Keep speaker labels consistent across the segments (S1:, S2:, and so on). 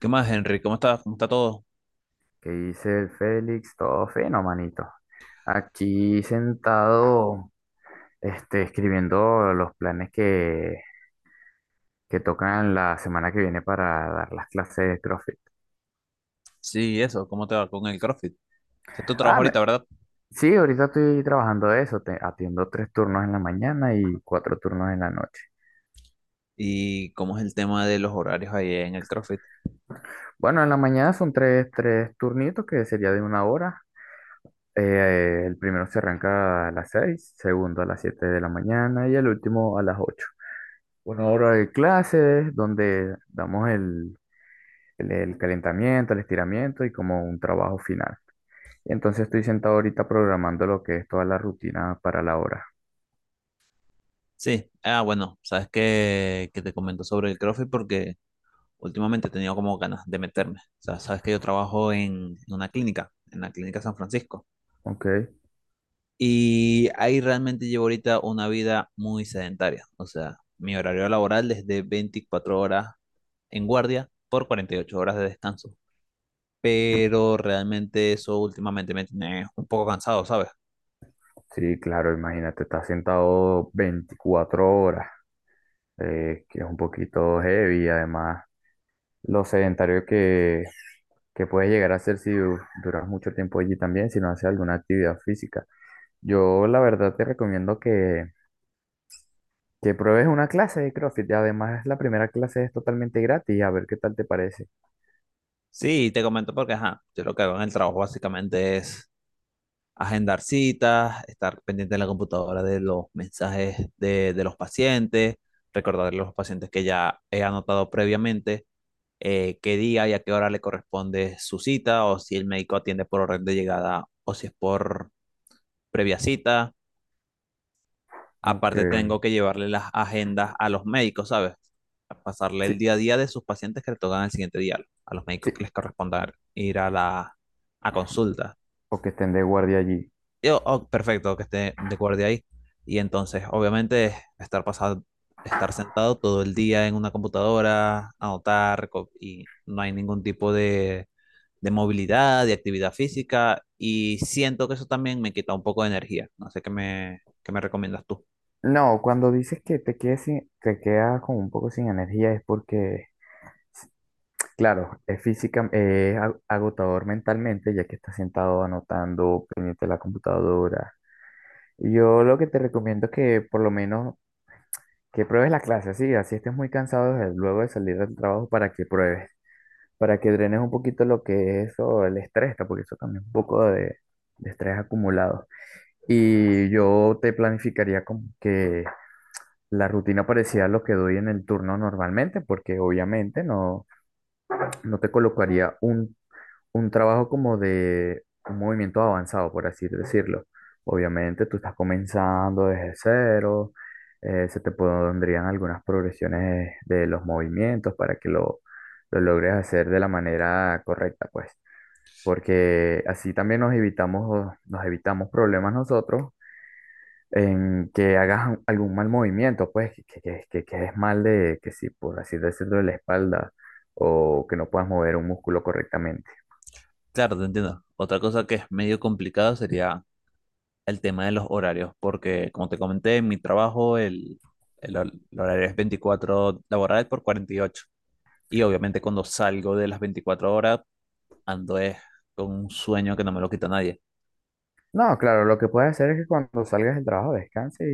S1: ¿Qué más, Henry? ¿Cómo estás? ¿Cómo está todo?
S2: ¿Qué dice el Félix? Todo fino, manito. Aquí sentado, escribiendo los planes que tocan la semana que viene para dar las clases de CrossFit.
S1: Sí, eso, ¿cómo te va con el CrossFit? Ese es tu trabajo
S2: Ah, me-
S1: ahorita, ¿verdad?
S2: sí, ahorita estoy trabajando de eso. Atiendo tres turnos en la mañana y cuatro turnos en la noche.
S1: ¿Y cómo es el tema de los horarios ahí en el CrossFit?
S2: Bueno, en la mañana son tres turnitos que sería de una hora. El primero se arranca a las seis, segundo a las siete de la mañana y el último a las ocho. Una hora de clases donde damos el calentamiento, el estiramiento y como un trabajo final. Entonces estoy sentado ahorita programando lo que es toda la rutina para la hora.
S1: Sí, ah, bueno, sabes que te comento sobre el CrossFit porque últimamente he tenido como ganas de meterme. O sea, sabes que yo trabajo en una clínica, en la clínica San Francisco.
S2: ¿Ok?
S1: Y ahí realmente llevo ahorita una vida muy sedentaria. O sea, mi horario laboral es de 24 horas en guardia por 48 horas de descanso. Pero realmente eso últimamente me tiene un poco cansado, ¿sabes?
S2: Sí, claro, imagínate, estás sentado 24 horas, que es un poquito heavy, además lo sedentario que puedes llegar a ser si du- duras mucho tiempo allí también, si no haces alguna actividad física. Yo la verdad te recomiendo que pruebes una clase de CrossFit. Y además, la primera clase es totalmente gratis. A ver qué tal te parece.
S1: Sí, te comento porque, ajá, yo lo que hago en el trabajo básicamente es agendar citas, estar pendiente en la computadora de los mensajes de los pacientes, recordarle a los pacientes que ya he anotado previamente, qué día y a qué hora le corresponde su cita, o si el médico atiende por orden de llegada o si es por previa cita. Aparte
S2: Aunque,
S1: tengo que llevarle las agendas a los médicos, ¿sabes? A pasarle el
S2: sí,
S1: día a día de sus pacientes que le tocan el siguiente día, a los médicos
S2: sí.
S1: que les corresponda ir a la a consulta.
S2: O que estén de guardia allí.
S1: Yo, oh, perfecto, que esté de guardia ahí. Y entonces, obviamente, estar pasado, estar sentado todo el día en una computadora, anotar, y no hay ningún tipo de movilidad, de actividad física, y siento que eso también me quita un poco de energía. No sé qué me recomiendas tú.
S2: No, cuando dices que te quedes sin, que quedas como un poco sin energía es porque, claro, es física, es agotador mentalmente ya que estás sentado anotando, pendiente de la computadora. Yo lo que te recomiendo es que por lo menos que pruebes la clase, sí, así estés muy cansado luego de salir del trabajo para que pruebes. Para que drenes un poquito lo que es eso, el estrés, está, porque eso también es un poco de estrés acumulado. Y yo te planificaría como que la rutina parecía a lo que doy en el turno normalmente, porque obviamente no, no te colocaría un trabajo como de un movimiento avanzado, por así decirlo. Obviamente tú estás comenzando desde cero, se te pondrían algunas progresiones de los movimientos para que lo logres hacer de la manera correcta, pues porque así también nos evitamos problemas nosotros en que hagas algún mal movimiento, pues que quedes mal de, que si por así decirlo, de la espalda o que no puedas mover un músculo correctamente.
S1: Claro, te entiendo. Otra cosa que es medio complicado sería el tema de los horarios, porque como te comenté, en mi trabajo el horario es 24 laborales por cuarenta y ocho, y obviamente cuando salgo de las 24 horas, ando es con un sueño que no me lo quita nadie.
S2: No, claro, lo que puedes hacer es que cuando salgas del trabajo descanse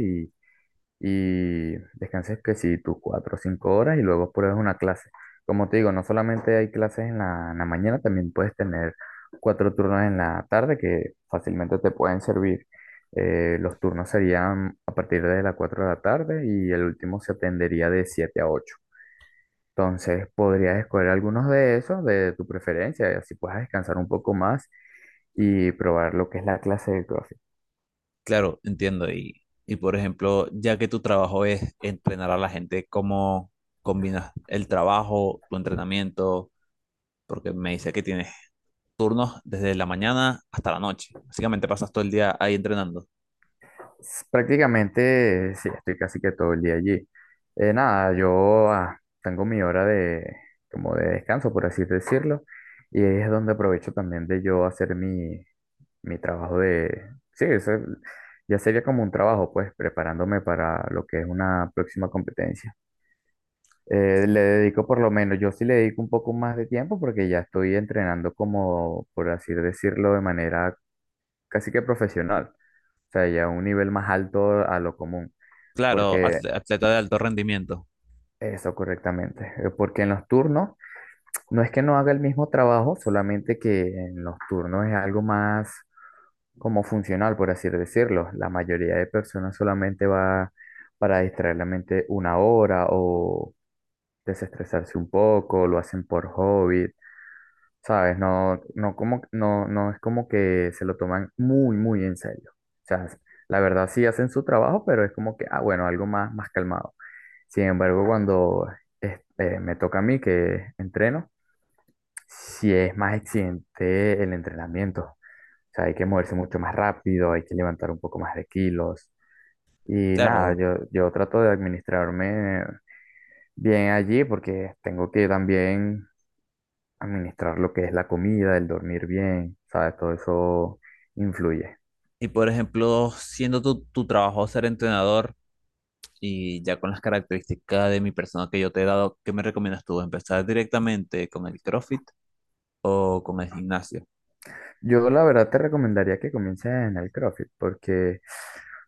S2: y descanses que si tus cuatro o cinco horas y luego pruebes una clase. Como te digo, no solamente hay clases en la mañana, también puedes tener cuatro turnos en la tarde que fácilmente te pueden servir. Los turnos serían a partir de las 4 de la tarde y el último se atendería de 7 a ocho. Entonces podrías escoger algunos de esos de tu preferencia y así puedas descansar un poco más y probar lo que es la clase de CrossFit.
S1: Claro, entiendo. Y por ejemplo, ya que tu trabajo es entrenar a la gente, ¿cómo combinas el trabajo, tu entrenamiento? Porque me dice que tienes turnos desde la mañana hasta la noche. Básicamente pasas todo el día ahí entrenando.
S2: Prácticamente, sí, estoy casi que todo el día allí. Nada, yo tengo mi hora de, como de descanso, por así decirlo, y ahí es donde aprovecho también de yo hacer mi trabajo de... Sí, eso ya sería como un trabajo, pues, preparándome para lo que es una próxima competencia. Le dedico por lo menos, yo sí le dedico un poco más de tiempo porque ya estoy entrenando como, por así decirlo, de manera casi que profesional, o sea, ya a un nivel más alto a lo común.
S1: Claro,
S2: Porque
S1: atleta de alto rendimiento,
S2: eso correctamente. Porque en los turnos no es que no haga el mismo trabajo, solamente que en los turnos es algo más como funcional, por así decirlo. La mayoría de personas solamente va para distraer la mente una hora o desestresarse un poco, lo hacen por hobby, ¿sabes? No, no, como, no, no es como que se lo toman muy, muy en serio. O sea, la verdad sí hacen su trabajo, pero es como que, ah, bueno, algo más, más calmado. Sin embargo, cuando me toca a mí que entreno, si es más exigente el entrenamiento. O sea, hay que moverse mucho más rápido, hay que levantar un poco más de kilos. Y nada,
S1: claro.
S2: yo trato de administrarme bien allí porque tengo que también administrar lo que es la comida, el dormir bien, ¿sabes? Todo eso influye.
S1: Y por ejemplo, siendo tu trabajo ser entrenador y ya con las características de mi persona que yo te he dado, ¿qué me recomiendas tú? ¿Empezar directamente con el CrossFit o con el gimnasio?
S2: Yo la verdad te recomendaría que comiences en el CrossFit porque,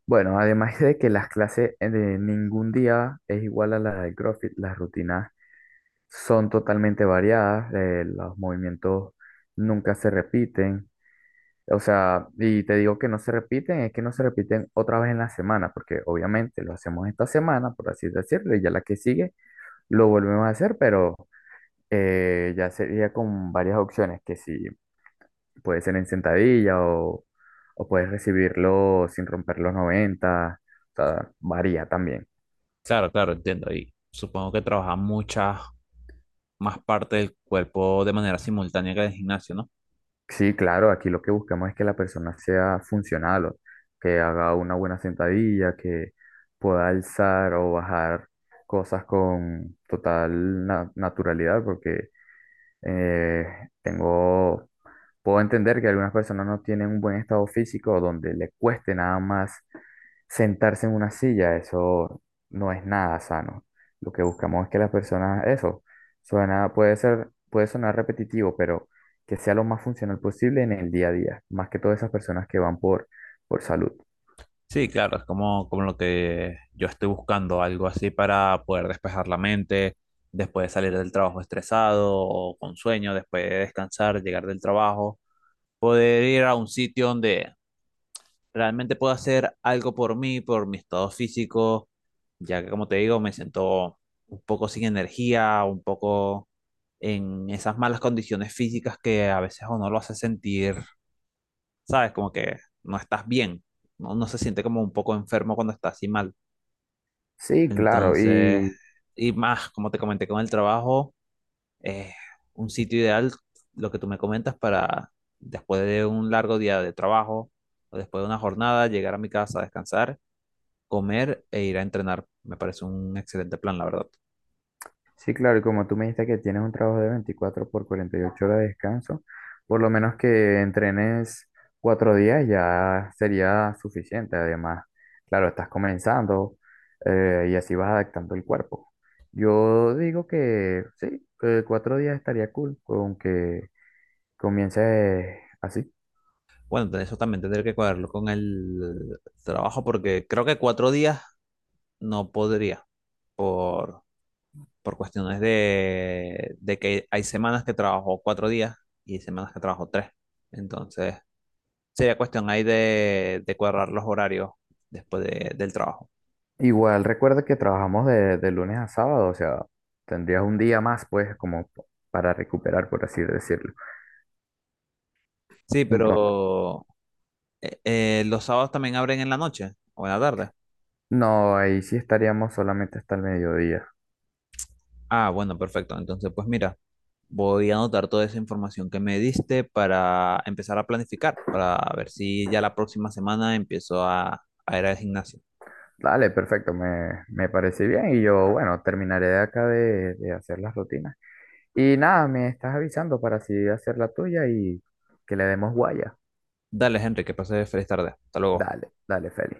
S2: bueno, además de que las clases de ningún día es igual a la del CrossFit, las rutinas son totalmente variadas, los movimientos nunca se repiten, o sea, y te digo que no se repiten, es que no se repiten otra vez en la semana, porque obviamente lo hacemos esta semana, por así decirlo, y ya la que sigue lo volvemos a hacer, pero ya sería con varias opciones, que sí. Puede ser en sentadilla o puedes recibirlo sin romper los noventa. O sea, varía también.
S1: Claro, claro, entiendo. Y supongo que trabaja muchas más partes del cuerpo de manera simultánea que en el gimnasio, ¿no?
S2: Sí, claro, aquí lo que buscamos es que la persona sea funcional, o que haga una buena sentadilla, que pueda alzar o bajar cosas con total naturalidad, porque Eh, tengo, puedo entender que algunas personas no tienen un buen estado físico donde le cueste nada más sentarse en una silla. Eso no es nada sano. Lo que buscamos es que las personas, eso, suena, puede ser, puede sonar repetitivo, pero que sea lo más funcional posible en el día a día, más que todas esas personas que van por salud.
S1: Sí, claro, es como, como lo que yo estoy buscando, algo así para poder despejar la mente, después de salir del trabajo estresado o con sueño, después de descansar, llegar del trabajo, poder ir a un sitio donde realmente pueda hacer algo por mí, por mi estado físico, ya que como te digo, me siento un poco sin energía, un poco en esas malas condiciones físicas que a veces uno lo hace sentir, ¿sabes? Como que no estás bien, no, no se siente como un poco enfermo cuando estás así mal.
S2: Sí, claro,
S1: Entonces,
S2: y
S1: y más, como te comenté con el trabajo, es un sitio ideal, lo que tú me comentas, para después de un largo día de trabajo o después de una jornada, llegar a mi casa, descansar, comer e ir a entrenar. Me parece un excelente plan, la verdad.
S2: Sí, claro, y como tú me dijiste que tienes un trabajo de 24 por 48 horas de descanso, por lo menos que entrenes cuatro días ya sería suficiente. Además, claro, estás comenzando y así vas adaptando el cuerpo. Yo digo que sí, que cuatro días estaría cool, con que comiences así.
S1: Bueno, entonces eso también tendré que cuadrarlo con el trabajo porque creo que 4 días no podría por, por cuestiones de que hay semanas que trabajo 4 días y semanas que trabajo tres. Entonces, sería cuestión ahí de cuadrar los horarios del trabajo.
S2: Igual recuerda que trabajamos de lunes a sábado, o sea, tendrías un día más, pues, como para recuperar, por así decirlo.
S1: Sí,
S2: Entonces,
S1: pero los sábados también abren en la noche o en la tarde.
S2: no, ahí sí estaríamos solamente hasta el mediodía.
S1: Ah, bueno, perfecto. Entonces, pues mira, voy a anotar toda esa información que me diste para empezar a planificar, para ver si ya la próxima semana empiezo a ir al gimnasio.
S2: Dale, perfecto, me parece bien y yo, bueno, terminaré de acá de hacer las rutinas. Y nada, me estás avisando para así hacer la tuya y que le demos guaya.
S1: Dale, Henry, que pases feliz tarde. Hasta luego.
S2: Dale, dale, Feli.